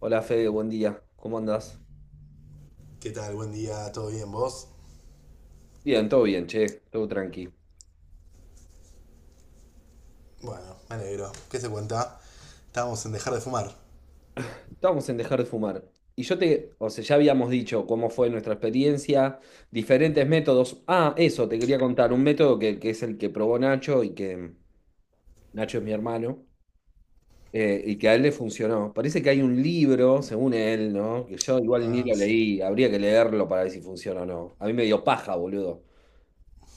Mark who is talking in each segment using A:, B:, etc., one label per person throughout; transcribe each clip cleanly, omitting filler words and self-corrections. A: Hola Fede, buen día. ¿Cómo andás?
B: ¿Qué tal? Buen día, ¿todo bien vos?
A: Bien, todo bien, che, todo tranqui.
B: Bueno, me alegro. ¿Qué se cuenta? Estábamos en dejar de fumar.
A: Estábamos en dejar de fumar. Y yo o sea, ya habíamos dicho cómo fue nuestra experiencia, diferentes métodos. Ah, eso, te quería contar, un método que es el que probó Nacho y que Nacho es mi hermano, y que a él le funcionó. Parece que hay un libro, según él, ¿no? Que yo igual ni
B: Ah,
A: lo
B: sí.
A: leí, habría que leerlo para ver si funciona o no. A mí me dio paja, boludo.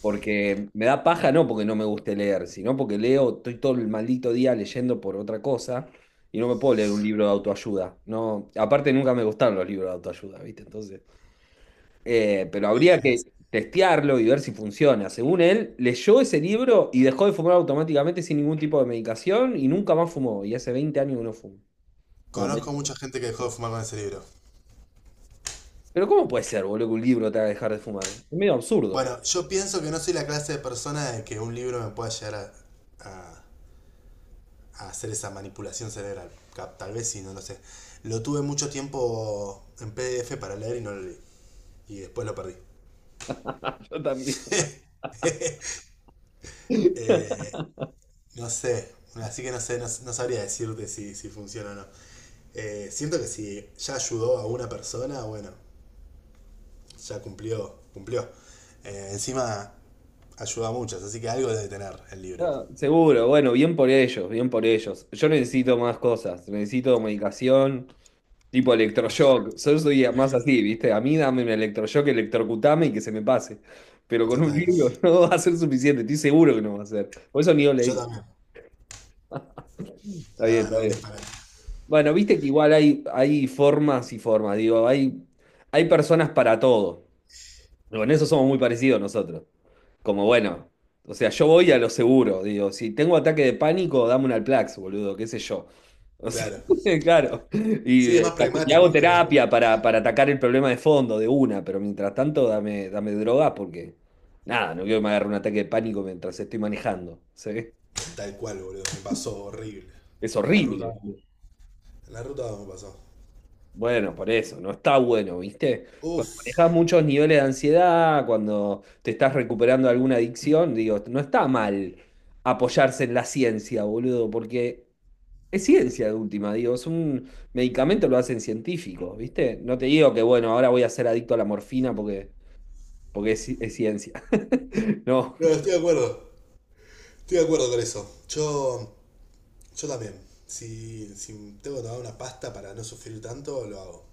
A: Porque me da paja, no porque no me guste leer, sino porque leo, estoy todo el maldito día leyendo por otra cosa y no me puedo leer un libro de autoayuda. No, aparte nunca me gustaron los libros de autoayuda, ¿viste? Entonces, pero habría que
B: Es.
A: testearlo y ver si funciona. Según él, leyó ese libro y dejó de fumar automáticamente sin ningún tipo de medicación y nunca más fumó. Y hace 20 años que no fuma. Bueno,
B: Conozco
A: 20.
B: mucha gente que dejó de fumar con ese libro.
A: Pero ¿cómo puede ser, boludo, que un libro te haga dejar de fumar? Es medio absurdo.
B: Bueno, yo pienso que no soy la clase de persona de que un libro me pueda llegar a- a hacer esa manipulación cerebral. Tal vez sí, no lo sé. Lo tuve mucho tiempo en PDF para leer y no lo leí. Y después lo perdí.
A: Yo también.
B: Eh, no sé, así que no sé, no, no sabría decirte si funciona o no. Siento que si ya ayudó a una persona, bueno, ya cumplió, cumplió. Encima ayuda a muchos, así que algo debe tener el libro.
A: No, seguro, bueno, bien por ellos, bien por ellos. Yo necesito más cosas, necesito medicación tipo electroshock. Yo soy más así, ¿viste? A mí dame un electroshock, electrocutame y que se me pase. Pero con un
B: Total.
A: libro no va a ser suficiente, estoy seguro que no va a ser. Por eso ni lo
B: Yo
A: leí.
B: también.
A: Está bien,
B: No,
A: está
B: no, un
A: bien.
B: disparate.
A: Bueno, viste que igual hay, hay formas y formas, digo, hay personas para todo. Con eso somos muy parecidos nosotros. Como bueno, o sea, yo voy a lo seguro, digo, si tengo ataque de pánico, dame un Alplax, boludo, qué sé yo. O sea,
B: Claro.
A: claro.
B: Sí,
A: Y,
B: es más
A: y
B: pragmático,
A: hago
B: es como
A: terapia para atacar el problema de fondo de una, pero mientras tanto dame droga porque, nada, no quiero que me agarre un ataque de pánico mientras estoy manejando. ¿Sí?
B: tal cual, boludo. Me pasó horrible.
A: Es
B: En la ruta.
A: horrible.
B: En la ruta me pasó.
A: Bueno, por eso, no está bueno, ¿viste? Cuando
B: Uf.
A: manejas muchos niveles de ansiedad, cuando te estás recuperando de alguna adicción, digo, no está mal apoyarse en la ciencia, boludo, porque es ciencia de última, digo, es un medicamento, lo hacen científicos, ¿viste? No te digo que, bueno, ahora voy a ser adicto a la morfina porque, porque es, es ciencia. No.
B: No, estoy de acuerdo. Estoy de acuerdo con eso. Yo. Yo también. Si tengo que tomar una pasta para no sufrir tanto, lo hago.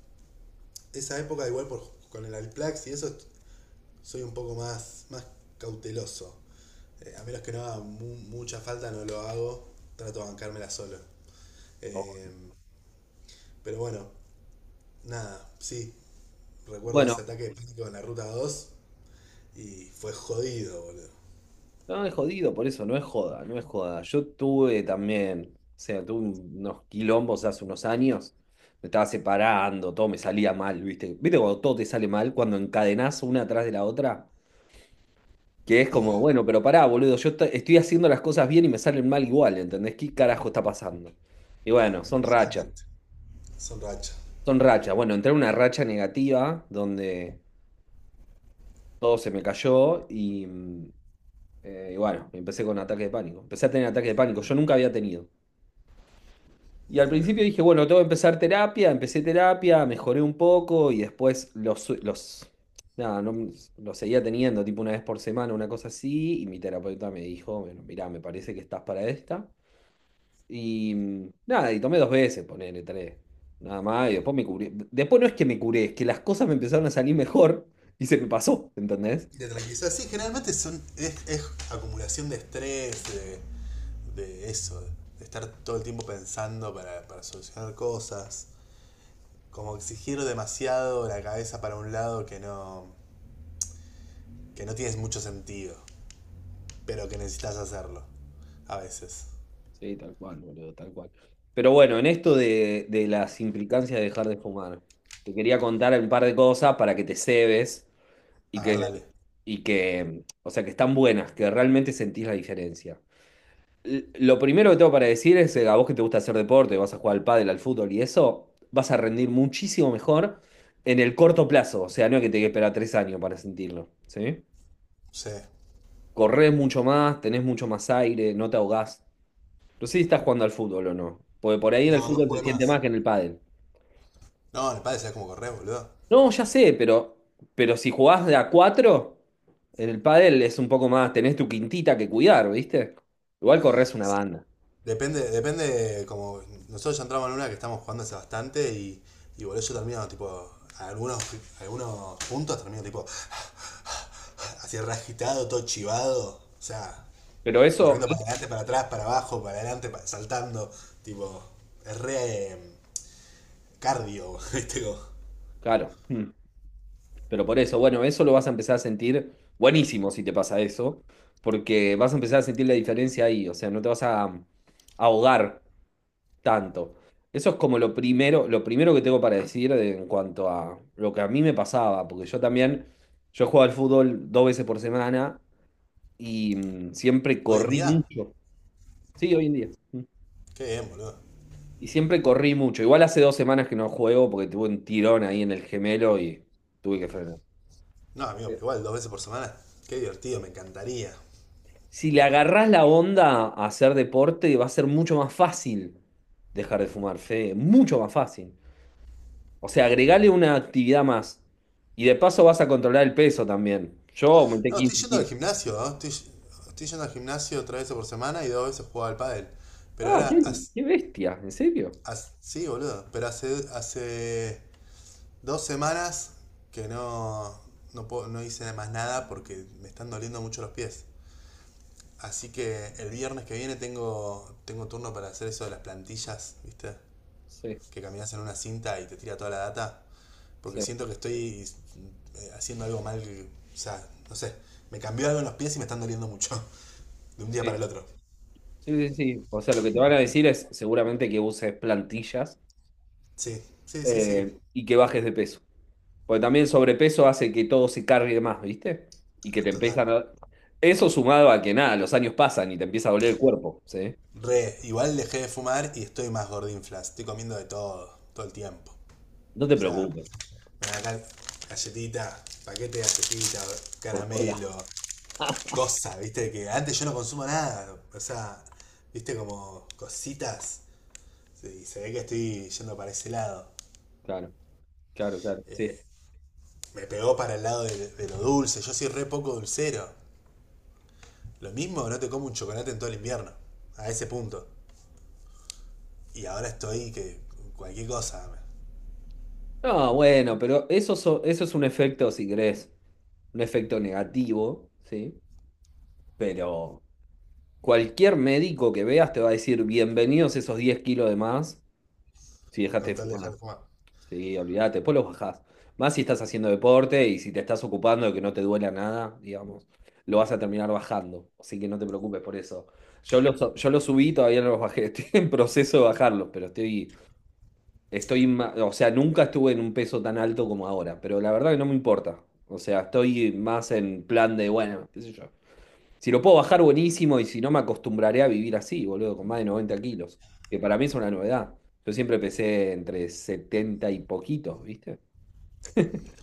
B: Esa época igual por, con el Alplax y eso soy un poco más cauteloso. A menos que no haga mucha falta, no lo hago. Trato de bancármela solo. Eh, pero bueno, nada, sí. Recuerdo ese
A: Bueno,
B: ataque de pánico en la ruta 2 y fue jodido, boludo.
A: no, es jodido, por eso no es joda, no es joda. Yo tuve también, o sea, tuve unos quilombos hace unos años, me estaba separando, todo me salía mal, ¿viste? ¿Viste cuando todo te sale mal, cuando encadenás una atrás de la otra? Que es como, bueno, pero pará, boludo, yo estoy haciendo las cosas bien y me salen mal igual, ¿entendés? ¿Qué carajo está pasando? Y bueno, son rachas,
B: Totalmente. Son rachas,
A: son rachas. Bueno, entré en una racha negativa donde todo se me cayó y bueno, empecé con ataque de pánico. Empecé a tener ataque de pánico, yo nunca había tenido. Y al
B: boludo.
A: principio dije, bueno, tengo que empezar terapia, empecé terapia, mejoré un poco y después nada, no, los seguía teniendo tipo una vez por semana, una cosa así, y mi terapeuta me dijo, bueno, mirá, me parece que estás para esta. Y nada, y tomé dos veces, ponele tres, nada más, y después me curé. Después no es que me curé, es que las cosas me empezaron a salir mejor y se me pasó, ¿entendés?
B: Y te tranquilizas. Sí, generalmente son, es acumulación de estrés, de eso, de estar todo el tiempo pensando para solucionar cosas. Como exigir demasiado la cabeza para un lado que no tienes mucho sentido, pero que necesitas hacerlo. A veces.
A: Sí, tal cual, boludo, tal cual. Pero bueno, en esto de las implicancias de dejar de fumar, te quería contar un par de cosas para que te cebes y
B: A ver,
A: que,
B: dale.
A: y que, o sea, que están buenas, que realmente sentís la diferencia. Lo primero que tengo para decir es, a vos que te gusta hacer deporte, vas a jugar al pádel, al fútbol y eso, vas a rendir muchísimo mejor en el corto plazo, o sea, no es que te que esperar tres años para sentirlo, ¿sí?
B: Sí.
A: Corres mucho más, tenés mucho más aire, no te ahogás. No sé si estás jugando al fútbol o no. Porque por ahí en el
B: No, no
A: fútbol se
B: jugué
A: siente
B: más.
A: más que en el pádel.
B: No, en el padre sea como correr, boludo.
A: No, ya sé, pero, si jugás de a cuatro, en el pádel es un poco más, tenés tu quintita que cuidar, ¿viste? Igual corres una banda.
B: Depende, depende, como nosotros ya entramos en una que estamos jugando hace bastante y boludo, yo termino tipo, algunos puntos termino tipo, así rasquitado, todo chivado, o sea,
A: Pero eso,
B: corriendo para adelante, para atrás, para abajo, para adelante, saltando, tipo, es re cardio, ¿viste? Como,
A: claro. Mm. Pero por eso, bueno, eso lo vas a empezar a sentir buenísimo si te pasa eso, porque vas a empezar a sentir la diferencia ahí, o sea, no te vas a ahogar tanto. Eso es como lo primero que tengo para decir en cuanto a lo que a mí me pasaba, porque yo también, yo jugaba al fútbol dos veces por semana y siempre
B: hoy en
A: corrí
B: día.
A: mucho. Sí, hoy en día. Mm.
B: Qué bien, boludo.
A: Y siempre corrí mucho. Igual hace dos semanas que no juego porque tuve un tirón ahí en el gemelo y tuve que frenar.
B: No, amigo, pero igual dos veces por semana. Qué divertido, me encantaría.
A: Si le agarrás la onda a hacer deporte, va a ser mucho más fácil dejar de fumar, Fede, mucho más fácil. O sea, agregale una actividad más. Y de paso vas a controlar el peso también. Yo aumenté
B: No, estoy
A: 15
B: yendo al
A: kilos.
B: gimnasio. ¿No? Estoy yendo al gimnasio tres veces por semana y dos veces juego al pádel. Pero
A: Ah, qué,
B: ahora,
A: qué bestia, ¿en serio?
B: sí, boludo. Pero hace 2 semanas que no, no hice más nada porque me están doliendo mucho los pies. Así que el viernes que viene tengo turno para hacer eso de las plantillas, ¿viste?
A: Sí,
B: Que caminas en una cinta y te tira toda la data. Porque
A: sí,
B: siento que estoy haciendo algo mal. O sea, no sé. Me cambió algo en los pies y me están doliendo mucho. De un día para
A: sí,
B: el otro.
A: sí, sí, sí. O sea, lo que te van a decir es seguramente que uses plantillas
B: Sí, sí, sí, sí.
A: y que bajes de peso. Porque también el sobrepeso hace que todo se cargue más, ¿viste? Y que te
B: Total.
A: empiezan a... Eso sumado a que nada, los años pasan y te empieza a doler el cuerpo, ¿sí?
B: Re, igual dejé de fumar y estoy más gordinflas. Estoy comiendo de todo, todo el tiempo.
A: No te
B: O sea,
A: preocupes,
B: me dan acá galletita, paquete de galletita,
A: por todas
B: caramelo,
A: lados.
B: cosa, viste, que antes yo no consumo nada. O sea, viste, como cositas. Sí, se ve que estoy yendo para ese lado.
A: Claro, claro, claro, sí.
B: Me pegó para el lado de lo dulce. Yo soy re poco dulcero. Lo mismo no te como un chocolate en todo el invierno. A ese punto. Y ahora estoy que cualquier cosa.
A: No, bueno, pero eso, eso es un efecto, si querés, un efecto negativo, ¿sí? Pero cualquier médico que veas te va a decir, bienvenidos esos 10 kilos de más si dejaste
B: Con
A: de
B: tal de dejar de
A: fumar.
B: fumar.
A: Sí, olvídate, después los bajás. Más si estás haciendo deporte y si te estás ocupando de que no te duela nada, digamos, lo vas a terminar bajando. Así que no te preocupes por eso. Yo los subí, todavía no los bajé. Estoy en proceso de bajarlos, pero Estoy, o sea, nunca estuve en un peso tan alto como ahora, pero la verdad que no me importa. O sea, estoy más en plan de, bueno, qué sé yo. Si lo puedo bajar, buenísimo, y si no, me acostumbraré a vivir así, boludo, con más de 90 kilos, que para mí es una novedad. Yo siempre pesé entre 70 y poquitos, ¿viste?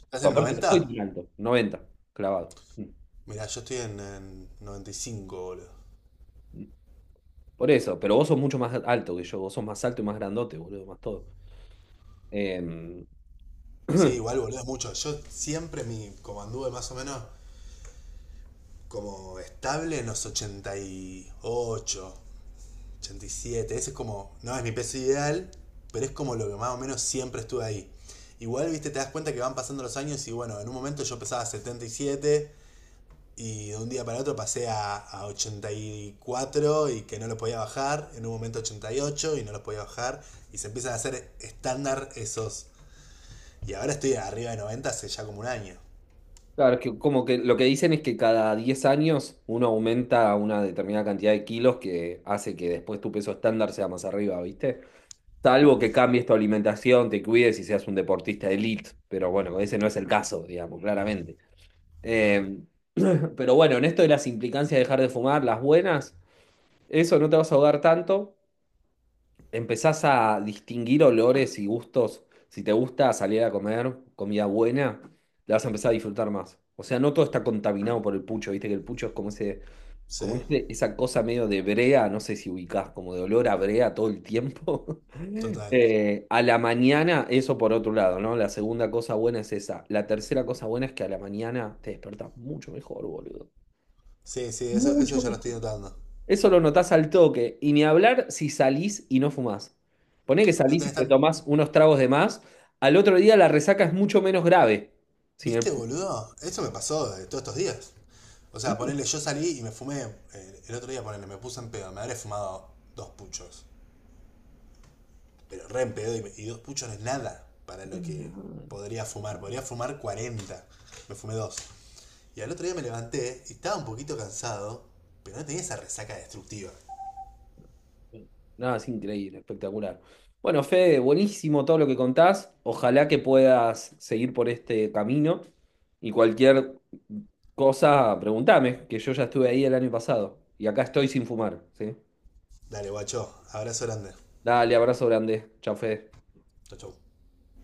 B: ¿Estás
A: Pues
B: en
A: aparte no soy
B: 90?
A: tan alto, 90 clavado. Mm,
B: Mirá, yo estoy en 95, boludo.
A: mm. Por eso, pero vos sos mucho más alto que yo, vos sos más alto y más grandote, boludo, más todo. Eh,
B: Sí, igual, boludo, es mucho. Yo siempre como anduve más o menos como estable en los 88, 87. Ese es como, no es mi peso ideal, pero es como lo que más o menos siempre estuve ahí. Igual, viste, te das cuenta que van pasando los años y bueno, en un momento yo pesaba 77 y de un día para otro pasé a 84 y cuatro, y que no lo podía bajar, en un momento 88 y no lo podía bajar y se empiezan a hacer estándar esos. Y ahora estoy arriba de 90 hace ya como un año,
A: Claro, que como que lo que dicen es que cada 10 años uno aumenta una determinada cantidad de kilos que hace que después tu peso estándar sea más arriba, ¿viste? Salvo que cambies tu alimentación, te cuides y seas un deportista elite, pero bueno, ese no es el caso, digamos, claramente.
B: ¿no?
A: Eh, pero bueno, en esto de las implicancias de dejar de fumar, las buenas, eso no te vas a ahogar tanto, empezás a distinguir olores y gustos. Si te gusta salir a comer comida buena, la vas a empezar a disfrutar más. O sea, no todo está contaminado por el pucho, viste que el pucho es como ese,
B: Sí,
A: como esa cosa medio de brea, no sé si ubicás, como de olor a brea todo el tiempo.
B: total.
A: A la mañana, eso por otro lado, ¿no? La segunda cosa buena es esa. La tercera cosa buena es que a la mañana te despertás mucho mejor, boludo.
B: Sí, sí, eso ya lo estoy notando.
A: Eso lo notás al toque. Y ni hablar si salís y no fumás. Poné que
B: No
A: salís y
B: tenés
A: te
B: tan.
A: tomás unos tragos de más. Al otro día la resaca es mucho menos grave. Sin el
B: ¿Viste,
A: pucho.
B: boludo? Eso me pasó de todos estos días. O sea,
A: ¿Viste?
B: ponerle, yo salí y me fumé, el otro día ponerle, me puse en pedo, me habré fumado dos puchos. Pero re en pedo y dos puchos no es nada para lo que
A: No,
B: podría fumar. Podría fumar 40. Me fumé dos. Y al otro día me levanté y estaba un poquito cansado, pero no tenía esa resaca destructiva.
A: no, es increíble, espectacular. Bueno, Fede, buenísimo todo lo que contás. Ojalá que puedas seguir por este camino. Y cualquier cosa, preguntame, que yo ya estuve ahí el año pasado. Y acá estoy sin fumar, ¿sí?
B: Dale, guacho. Abrazo grande.
A: Dale, abrazo grande. Chao, Fede.
B: Chau, chau.